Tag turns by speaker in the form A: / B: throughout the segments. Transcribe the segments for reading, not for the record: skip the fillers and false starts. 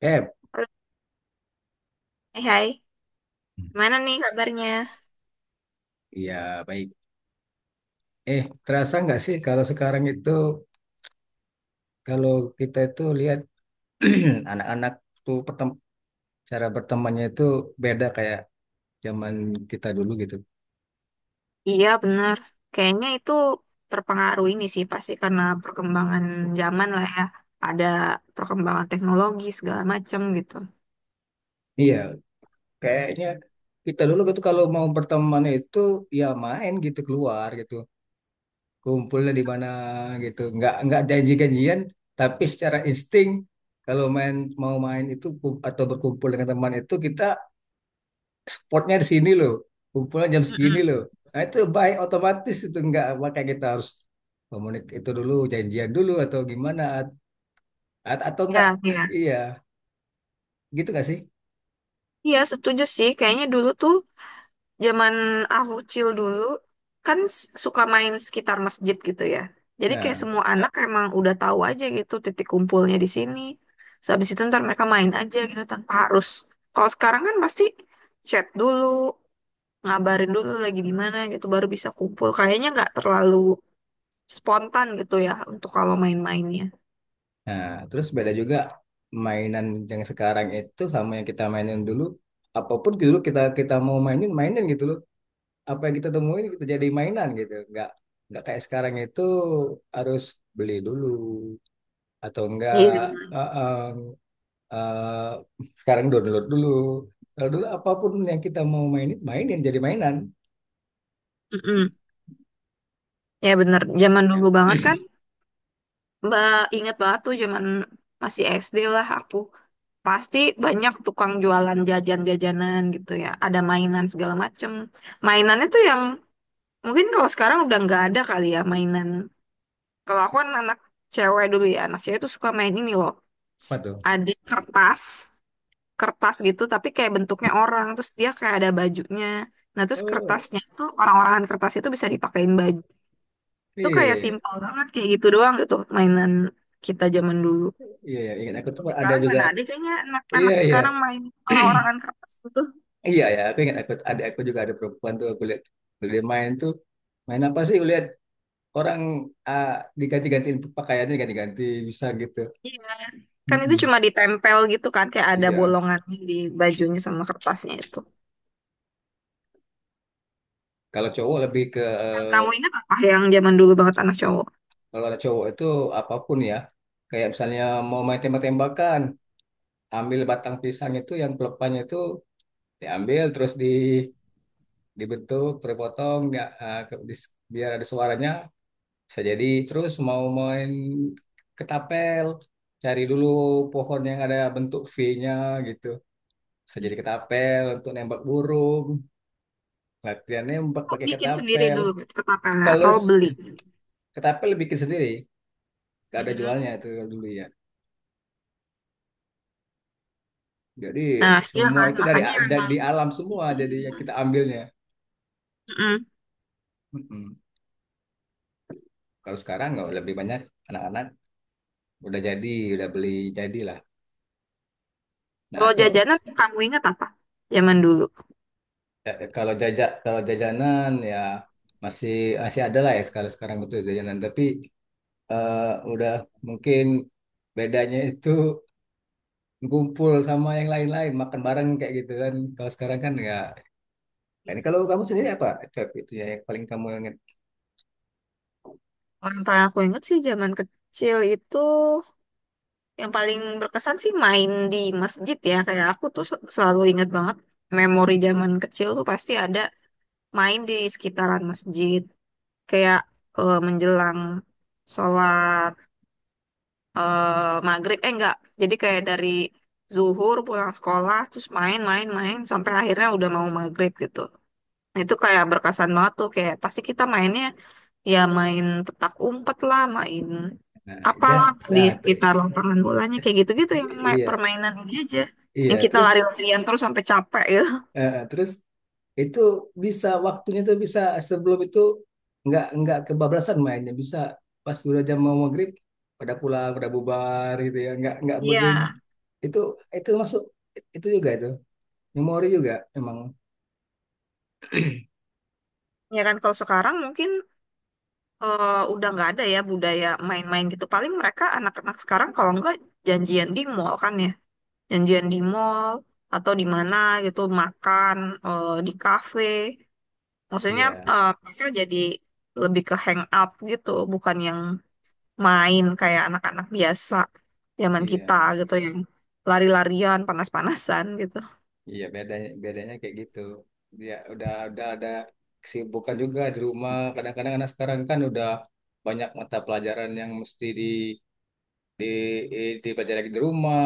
A: Eh,
B: Halo, hai, hai. Gimana nih kabarnya?
A: iya, baik. Terasa nggak sih kalau sekarang itu, kalau kita itu lihat anak-anak tuh cara bertemannya itu beda kayak zaman kita dulu gitu.
B: Iya, benar. Kayaknya itu terpengaruh ini sih, pasti karena perkembangan zaman lah ya. Ada perkembangan teknologi segala macam gitu.
A: Iya, kayaknya kita dulu gitu kalau mau berteman itu ya main gitu keluar gitu, kumpulnya di mana gitu, nggak janji-janjian, tapi secara insting kalau main mau main itu atau berkumpul dengan teman itu kita spotnya di sini loh, kumpulan jam segini
B: Mm-mm.
A: loh. Nah itu baik otomatis itu enggak, makanya kita harus komunik itu dulu, janjian dulu atau gimana, atau enggak,
B: Ya, iya.
A: iya, gitu nggak sih?
B: Iya, setuju sih. Kayaknya dulu tuh zaman aku kecil dulu kan suka main sekitar masjid gitu ya. Jadi kayak
A: Nah,
B: semua anak emang udah tahu aja gitu titik kumpulnya di sini. So, habis itu ntar mereka main aja gitu tanpa harus. Kalau sekarang kan pasti chat dulu, ngabarin dulu lagi di mana gitu baru bisa kumpul. Kayaknya nggak terlalu spontan gitu ya untuk kalau main-mainnya.
A: nah, terus beda juga mainan yang sekarang itu sama yang kita mainin dulu. Apapun dulu kita kita mau mainin, mainin gitu loh, apa yang kita temuin kita jadi mainan gitu. Nggak kayak sekarang itu harus beli dulu atau enggak,
B: Iya benar.
A: eh, sekarang download dulu. Kalau dulu apapun yang kita mau mainin, mainin jadi mainan.
B: Mm-mm. Ya benar. Zaman dulu banget kan, Mbak inget banget tuh zaman masih SD lah aku. Pasti banyak tukang jualan jajan-jajanan gitu ya. Ada mainan segala macem. Mainannya tuh yang mungkin kalau sekarang udah nggak ada kali ya mainan. Kalau aku kan anak cewek dulu ya, anak cewek tuh suka main ini loh.
A: Apa tuh?
B: Ada kertas, kertas gitu tapi kayak bentuknya orang terus dia kayak ada bajunya. Nah terus
A: Oh
B: kertasnya tuh orang-orangan kertas itu bisa dipakein baju. Itu kayak
A: iya,
B: simpel banget kayak gitu doang gitu mainan kita zaman dulu.
A: iya, iya, ingat aku tuh
B: Kalau
A: ada
B: sekarang
A: juga.
B: mana ada kayaknya
A: Iya,
B: anak-anak
A: iya,
B: sekarang main orang-orangan kertas gitu.
A: iya, ya. Aku ingat aku ada, aku juga ada. Perempuan tuh aku lihat dia main tuh. Main apa sih? Aku lihat orang, ah, diganti-gantiin pakaiannya, ganti-ganti bisa gitu.
B: Iya kan itu
A: Mm-mm.
B: cuma ditempel gitu kan kayak ada
A: Iya.
B: bolongannya di bajunya sama kertasnya itu.
A: Kalau cowok lebih ke
B: Yang kamu ingat apa yang zaman dulu banget anak cowok?
A: Kalau ada cowok itu apapun ya. Kayak misalnya mau main tembak-tembakan, ambil batang pisang itu yang pelepahnya itu diambil terus dibentuk terpotong ya, biar ada suaranya bisa jadi. Terus mau main ketapel, cari dulu pohon yang ada bentuk V-nya gitu, bisa jadi ketapel untuk nembak burung, latihan nembak
B: Aku
A: pakai
B: bikin sendiri
A: ketapel.
B: dulu gitu, ketapelnya
A: kalau
B: atau
A: s-
B: beli?
A: Ketapel bikin sendiri, gak ada jualnya
B: Hmm.
A: itu kalau dulu ya. Jadi
B: Nah, iya
A: semua
B: kan,
A: itu dari
B: makanya memang
A: di alam semua,
B: isi
A: jadi
B: sih.
A: yang kita ambilnya.
B: Mm-mm.
A: Mm-mm. Kalau sekarang nggak, lebih banyak anak-anak udah jadi udah beli jadi lah. Nah,
B: Kalau
A: itu,
B: jajanan kamu ingat apa? Zaman dulu.
A: kalau jajanan ya, masih masih ada lah ya sekarang sekarang itu jajanan, tapi eh, udah, mungkin bedanya itu ngumpul sama yang lain-lain makan bareng kayak gitu kan. Kalau sekarang kan nggak. Ini kalau kamu sendiri apa? Cap, itu ya yang paling kamu ingat.
B: Kalau yang paling aku ingat sih zaman kecil itu yang paling berkesan sih main di masjid ya. Kayak aku tuh selalu ingat banget memori zaman kecil tuh pasti ada main di sekitaran masjid. Kayak menjelang sholat, eh, maghrib. Eh enggak, jadi kayak dari zuhur pulang sekolah terus main-main-main sampai akhirnya udah mau maghrib gitu. Itu kayak berkesan banget tuh kayak pasti kita mainnya ya main petak umpet lah, main
A: Nah, ya,
B: apalah di
A: nah,
B: sekitar lapangan bolanya kayak gitu-gitu yang
A: iya,
B: permainan ini aja.
A: iya.
B: Yang kita
A: Terus
B: lari-larian terus sampai capek gitu.
A: eh, terus itu, bisa waktunya tuh bisa sebelum itu nggak kebablasan mainnya, bisa pas udah jam mau maghrib pada pulang pada bubar gitu ya, nggak
B: Iya,
A: itu itu masuk, itu juga itu memori juga emang.
B: ya kan kalau sekarang mungkin udah nggak ada ya budaya main-main gitu. Paling mereka anak-anak sekarang kalau nggak janjian di mall kan ya, janjian di mall atau di mana gitu makan di kafe. Maksudnya
A: Iya,
B: mereka jadi lebih ke hang out gitu, bukan yang main kayak anak-anak biasa zaman kita
A: iya,
B: gitu yang lari-larian, panas-panasan gitu.
A: iya, bedanya bedanya kayak gitu ya, udah ada kesibukan juga di rumah. Kadang-kadang anak sekarang kan udah banyak mata pelajaran yang mesti di di dipelajari lagi di rumah.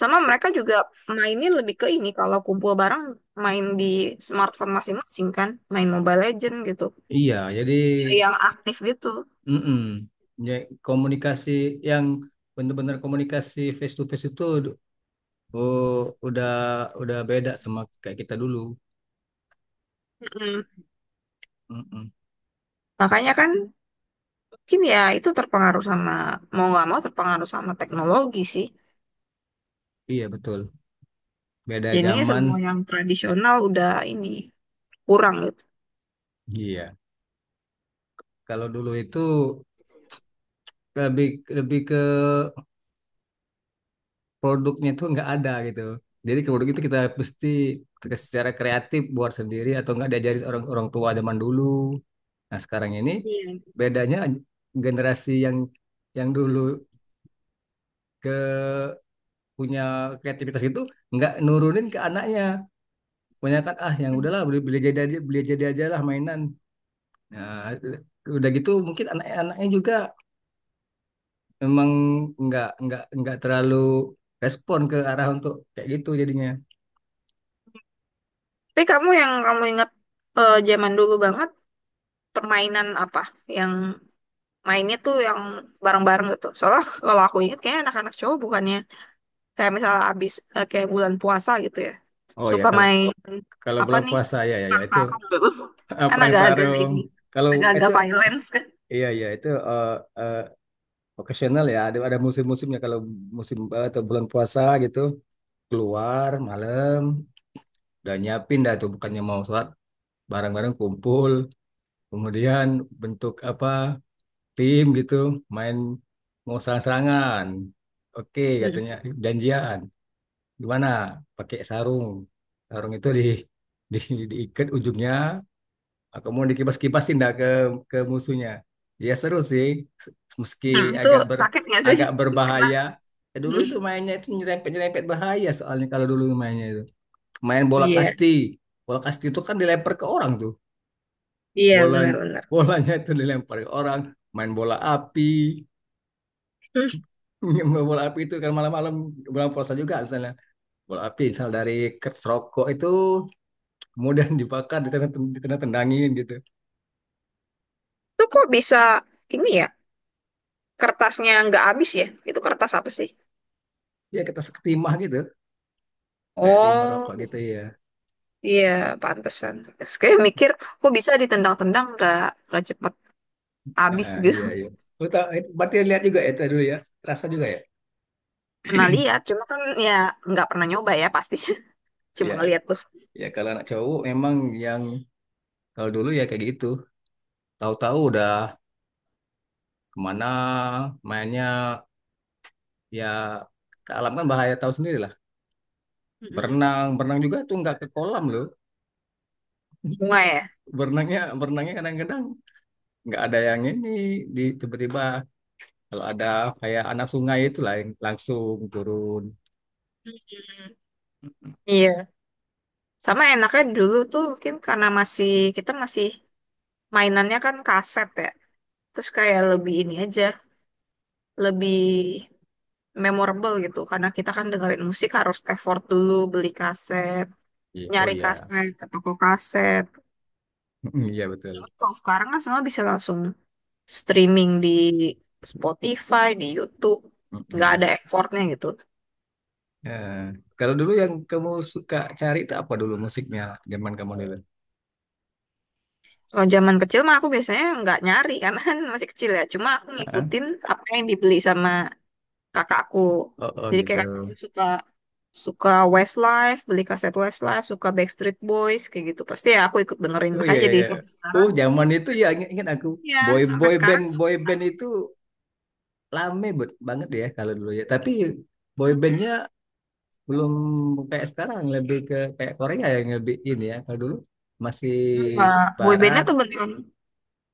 B: Sama mereka juga mainnya lebih ke ini kalau kumpul bareng main di smartphone masing-masing kan, main Mobile Legend gitu.
A: Iya, jadi
B: Yang aktif gitu.
A: mm ya, komunikasi yang benar-benar komunikasi face to face itu, oh, udah udah beda sama kayak kita dulu.
B: Mm-mm.
A: Mm-mm.
B: Makanya kan mungkin ya itu terpengaruh sama mau nggak mau terpengaruh sama teknologi sih.
A: Iya betul. Beda
B: Jadinya semua
A: zaman.
B: yang tradisional udah ini kurang gitu.
A: Iya. Kalau dulu itu lebih lebih ke produknya tuh nggak ada gitu. Jadi ke produk itu kita mesti secara kreatif buat sendiri atau nggak diajarin orang orang tua zaman dulu. Nah sekarang ini
B: Iya.
A: bedanya generasi yang dulu punya kreativitas itu nggak nurunin ke anaknya, punya kan, ah yang
B: Hmm.
A: udahlah beli beli jadi aja, beli jadi aja lah mainan. Nah udah gitu mungkin anak-anaknya juga memang nggak terlalu respon ke arah untuk kayak gitu jadinya.
B: Tapi kamu yang kamu ingat zaman dulu banget permainan apa yang mainnya tuh yang bareng-bareng gitu. Soalnya kalau aku ingat kayaknya anak-anak cowok bukannya kayak misalnya abis kayak bulan puasa gitu ya.
A: Oh ya,
B: Suka
A: kalau
B: main
A: kalau
B: apa
A: bulan
B: nih?
A: puasa ya, ya, ya, itu,
B: Tarung gitu. Kan
A: perang
B: agak-agak
A: sarung.
B: ini
A: Kalau itu,
B: agak-agak violence kan.
A: iya, iya, itu, eh, occasional ya, ada musim-musimnya, kalau musim, atau bulan puasa gitu, keluar malam udah nyiapin dah tuh, bukannya mau sholat. Barang-barang kumpul, kemudian bentuk apa, tim gitu, main mau sarang-sarangan. Oke, katanya
B: Mm.
A: janjian. Gimana? Pakai sarung. Sarung itu di, di diikat ujungnya, kemudian dikibas-kibasin dah ke musuhnya. Ya seru sih, se- meski
B: Hmm, itu
A: agak ber
B: sakit nggak sih?
A: agak
B: Kena.
A: berbahaya. Dulu itu mainnya itu nyerempet-nyerempet bahaya, soalnya kalau dulu mainnya itu. Main bola
B: Iya,
A: kasti. Bola kasti itu kan dilempar ke orang tuh.
B: iya
A: Bolanya
B: benar-benar.
A: bolanya itu dilempar ke orang. Main bola api.
B: Hmm,
A: Main bola api itu kan malam-malam bulan puasa juga, misalnya bola api misal dari kertas rokok itu, kemudian dibakar, ditendang tendangin gitu.
B: itu kok bisa ini ya? Kertasnya nggak habis ya? Itu kertas apa sih?
A: Ya kita seketimah gitu, kayak timah
B: Oh.
A: rokok gitu ya.
B: Iya, pantesan. Terus kayak mikir, kok bisa ditendang-tendang nggak cepet
A: Ya,
B: habis gitu.
A: iya, iya. Lu tahu, berarti lihat juga ya itu dulu ya, terasa juga ya.
B: Pernah lihat, cuma kan ya nggak pernah nyoba ya pasti.
A: Iya,
B: Cuma ngeliat tuh.
A: ya kalau anak cowok memang, yang kalau dulu ya kayak gitu, tahu-tahu udah kemana mainnya. Ya ke alam kan bahaya, tahu sendiri lah.
B: Mm-mm.
A: Berenang, berenang juga tuh nggak ke kolam loh.
B: Bunga ya.
A: Berenangnya kadang-kadang nggak ada yang ini, di tiba-tiba kalau ada kayak anak sungai itu lah yang langsung turun.
B: Mm-mm.
A: Mm-mm.
B: Iya, sama enaknya dulu tuh mungkin karena masih kita masih mainannya kan kaset ya. Terus kayak lebih ini aja, lebih memorable gitu karena kita kan dengerin musik harus effort dulu beli kaset,
A: Iya, oh
B: nyari
A: iya.
B: kaset ke toko kaset.
A: Mm-mm, iya betul.
B: Kalau sekarang kan semua bisa langsung streaming di Spotify, di YouTube, nggak ada
A: Mm-mm.
B: effortnya gitu.
A: Eh, Kalau dulu yang kamu suka cari itu apa dulu musiknya zaman kamu dulu?
B: Kalau zaman kecil mah aku biasanya nggak nyari karena kan masih kecil ya. Cuma aku
A: Heeh.
B: ngikutin apa yang dibeli sama kakakku.
A: Oh
B: Jadi
A: gitu.
B: kayak kakakku suka suka Westlife, beli kaset Westlife, suka Backstreet Boys kayak gitu. Pasti ya aku ikut dengerin.
A: Oh iya,
B: Makanya
A: iya,
B: jadi
A: iya.
B: sampai
A: Oh
B: sekarang
A: zaman itu ya, ingat aku.
B: ya
A: boy
B: sampai
A: boy band
B: sekarang
A: boy
B: suka.
A: band itu lame banget ya kalau dulu ya. Tapi boy bandnya belum kayak sekarang, lebih ke kayak Korea yang lebih ini ya. Kalau dulu masih
B: Iya, boybandnya
A: barat.
B: tuh beneran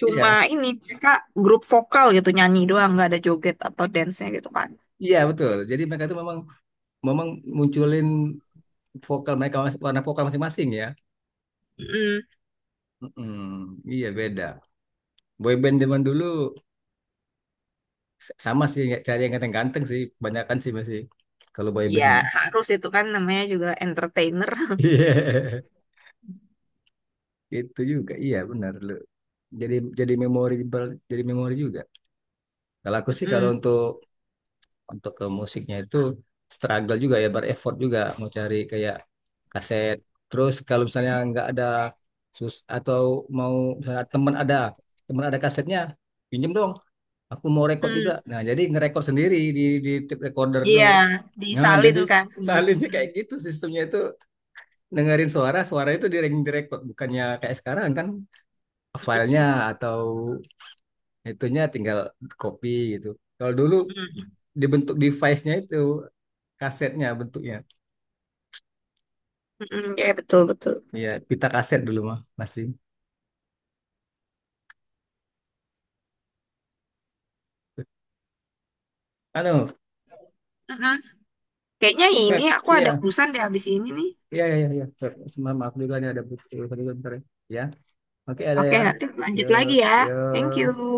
B: cuma
A: Iya,
B: ini mereka grup vokal gitu nyanyi doang nggak ada joget atau dance-nya gitu kan.
A: iya betul, jadi mereka itu memang memang munculin vokal mereka, warna vokal masing-masing ya.
B: Mm,
A: Mm-mm. Iya beda boyband zaman dulu, sama sih, nggak cari yang ganteng-ganteng sih kebanyakan sih masih kalau
B: ya
A: boybandnya.
B: harus itu kan namanya juga entertainer.
A: Iya itu juga, iya benar lu. Jadi memorable, jadi memori juga. Kalau aku sih, kalau
B: Mm-mm.
A: untuk ke musiknya itu, struggle juga ya, bereffort juga mau cari kayak kaset. Terus kalau misalnya nggak ada sus, atau mau misalnya teman ada kasetnya, pinjem dong, aku mau rekod juga.
B: Mm.
A: Nah jadi ngerekod sendiri di tape recorder
B: Iya,
A: tuh. Nah jadi
B: disalinkan sendiri.
A: salinnya
B: Mm.
A: kayak gitu sistemnya itu, dengerin suara suara itu direkod, bukannya kayak sekarang kan filenya atau itunya tinggal copy gitu. Kalau dulu
B: Mm.
A: dibentuk device-nya itu, kasetnya bentuknya.
B: Mm. Iya, betul betul.
A: Iya, pita kaset dulu mah masih. Halo,
B: Mm-mm. Kayaknya ini
A: Pep.
B: aku ada
A: Iya,
B: urusan deh habis ini nih.
A: iya, iya, iya, iya, Pep. Semua maaf juga nih, ada buku. Tadi bentar bentar, ya. Ya, oke ada
B: Oke,
A: ya.
B: nanti lanjut lagi
A: Yuk,
B: ya. Thank you.
A: yuk.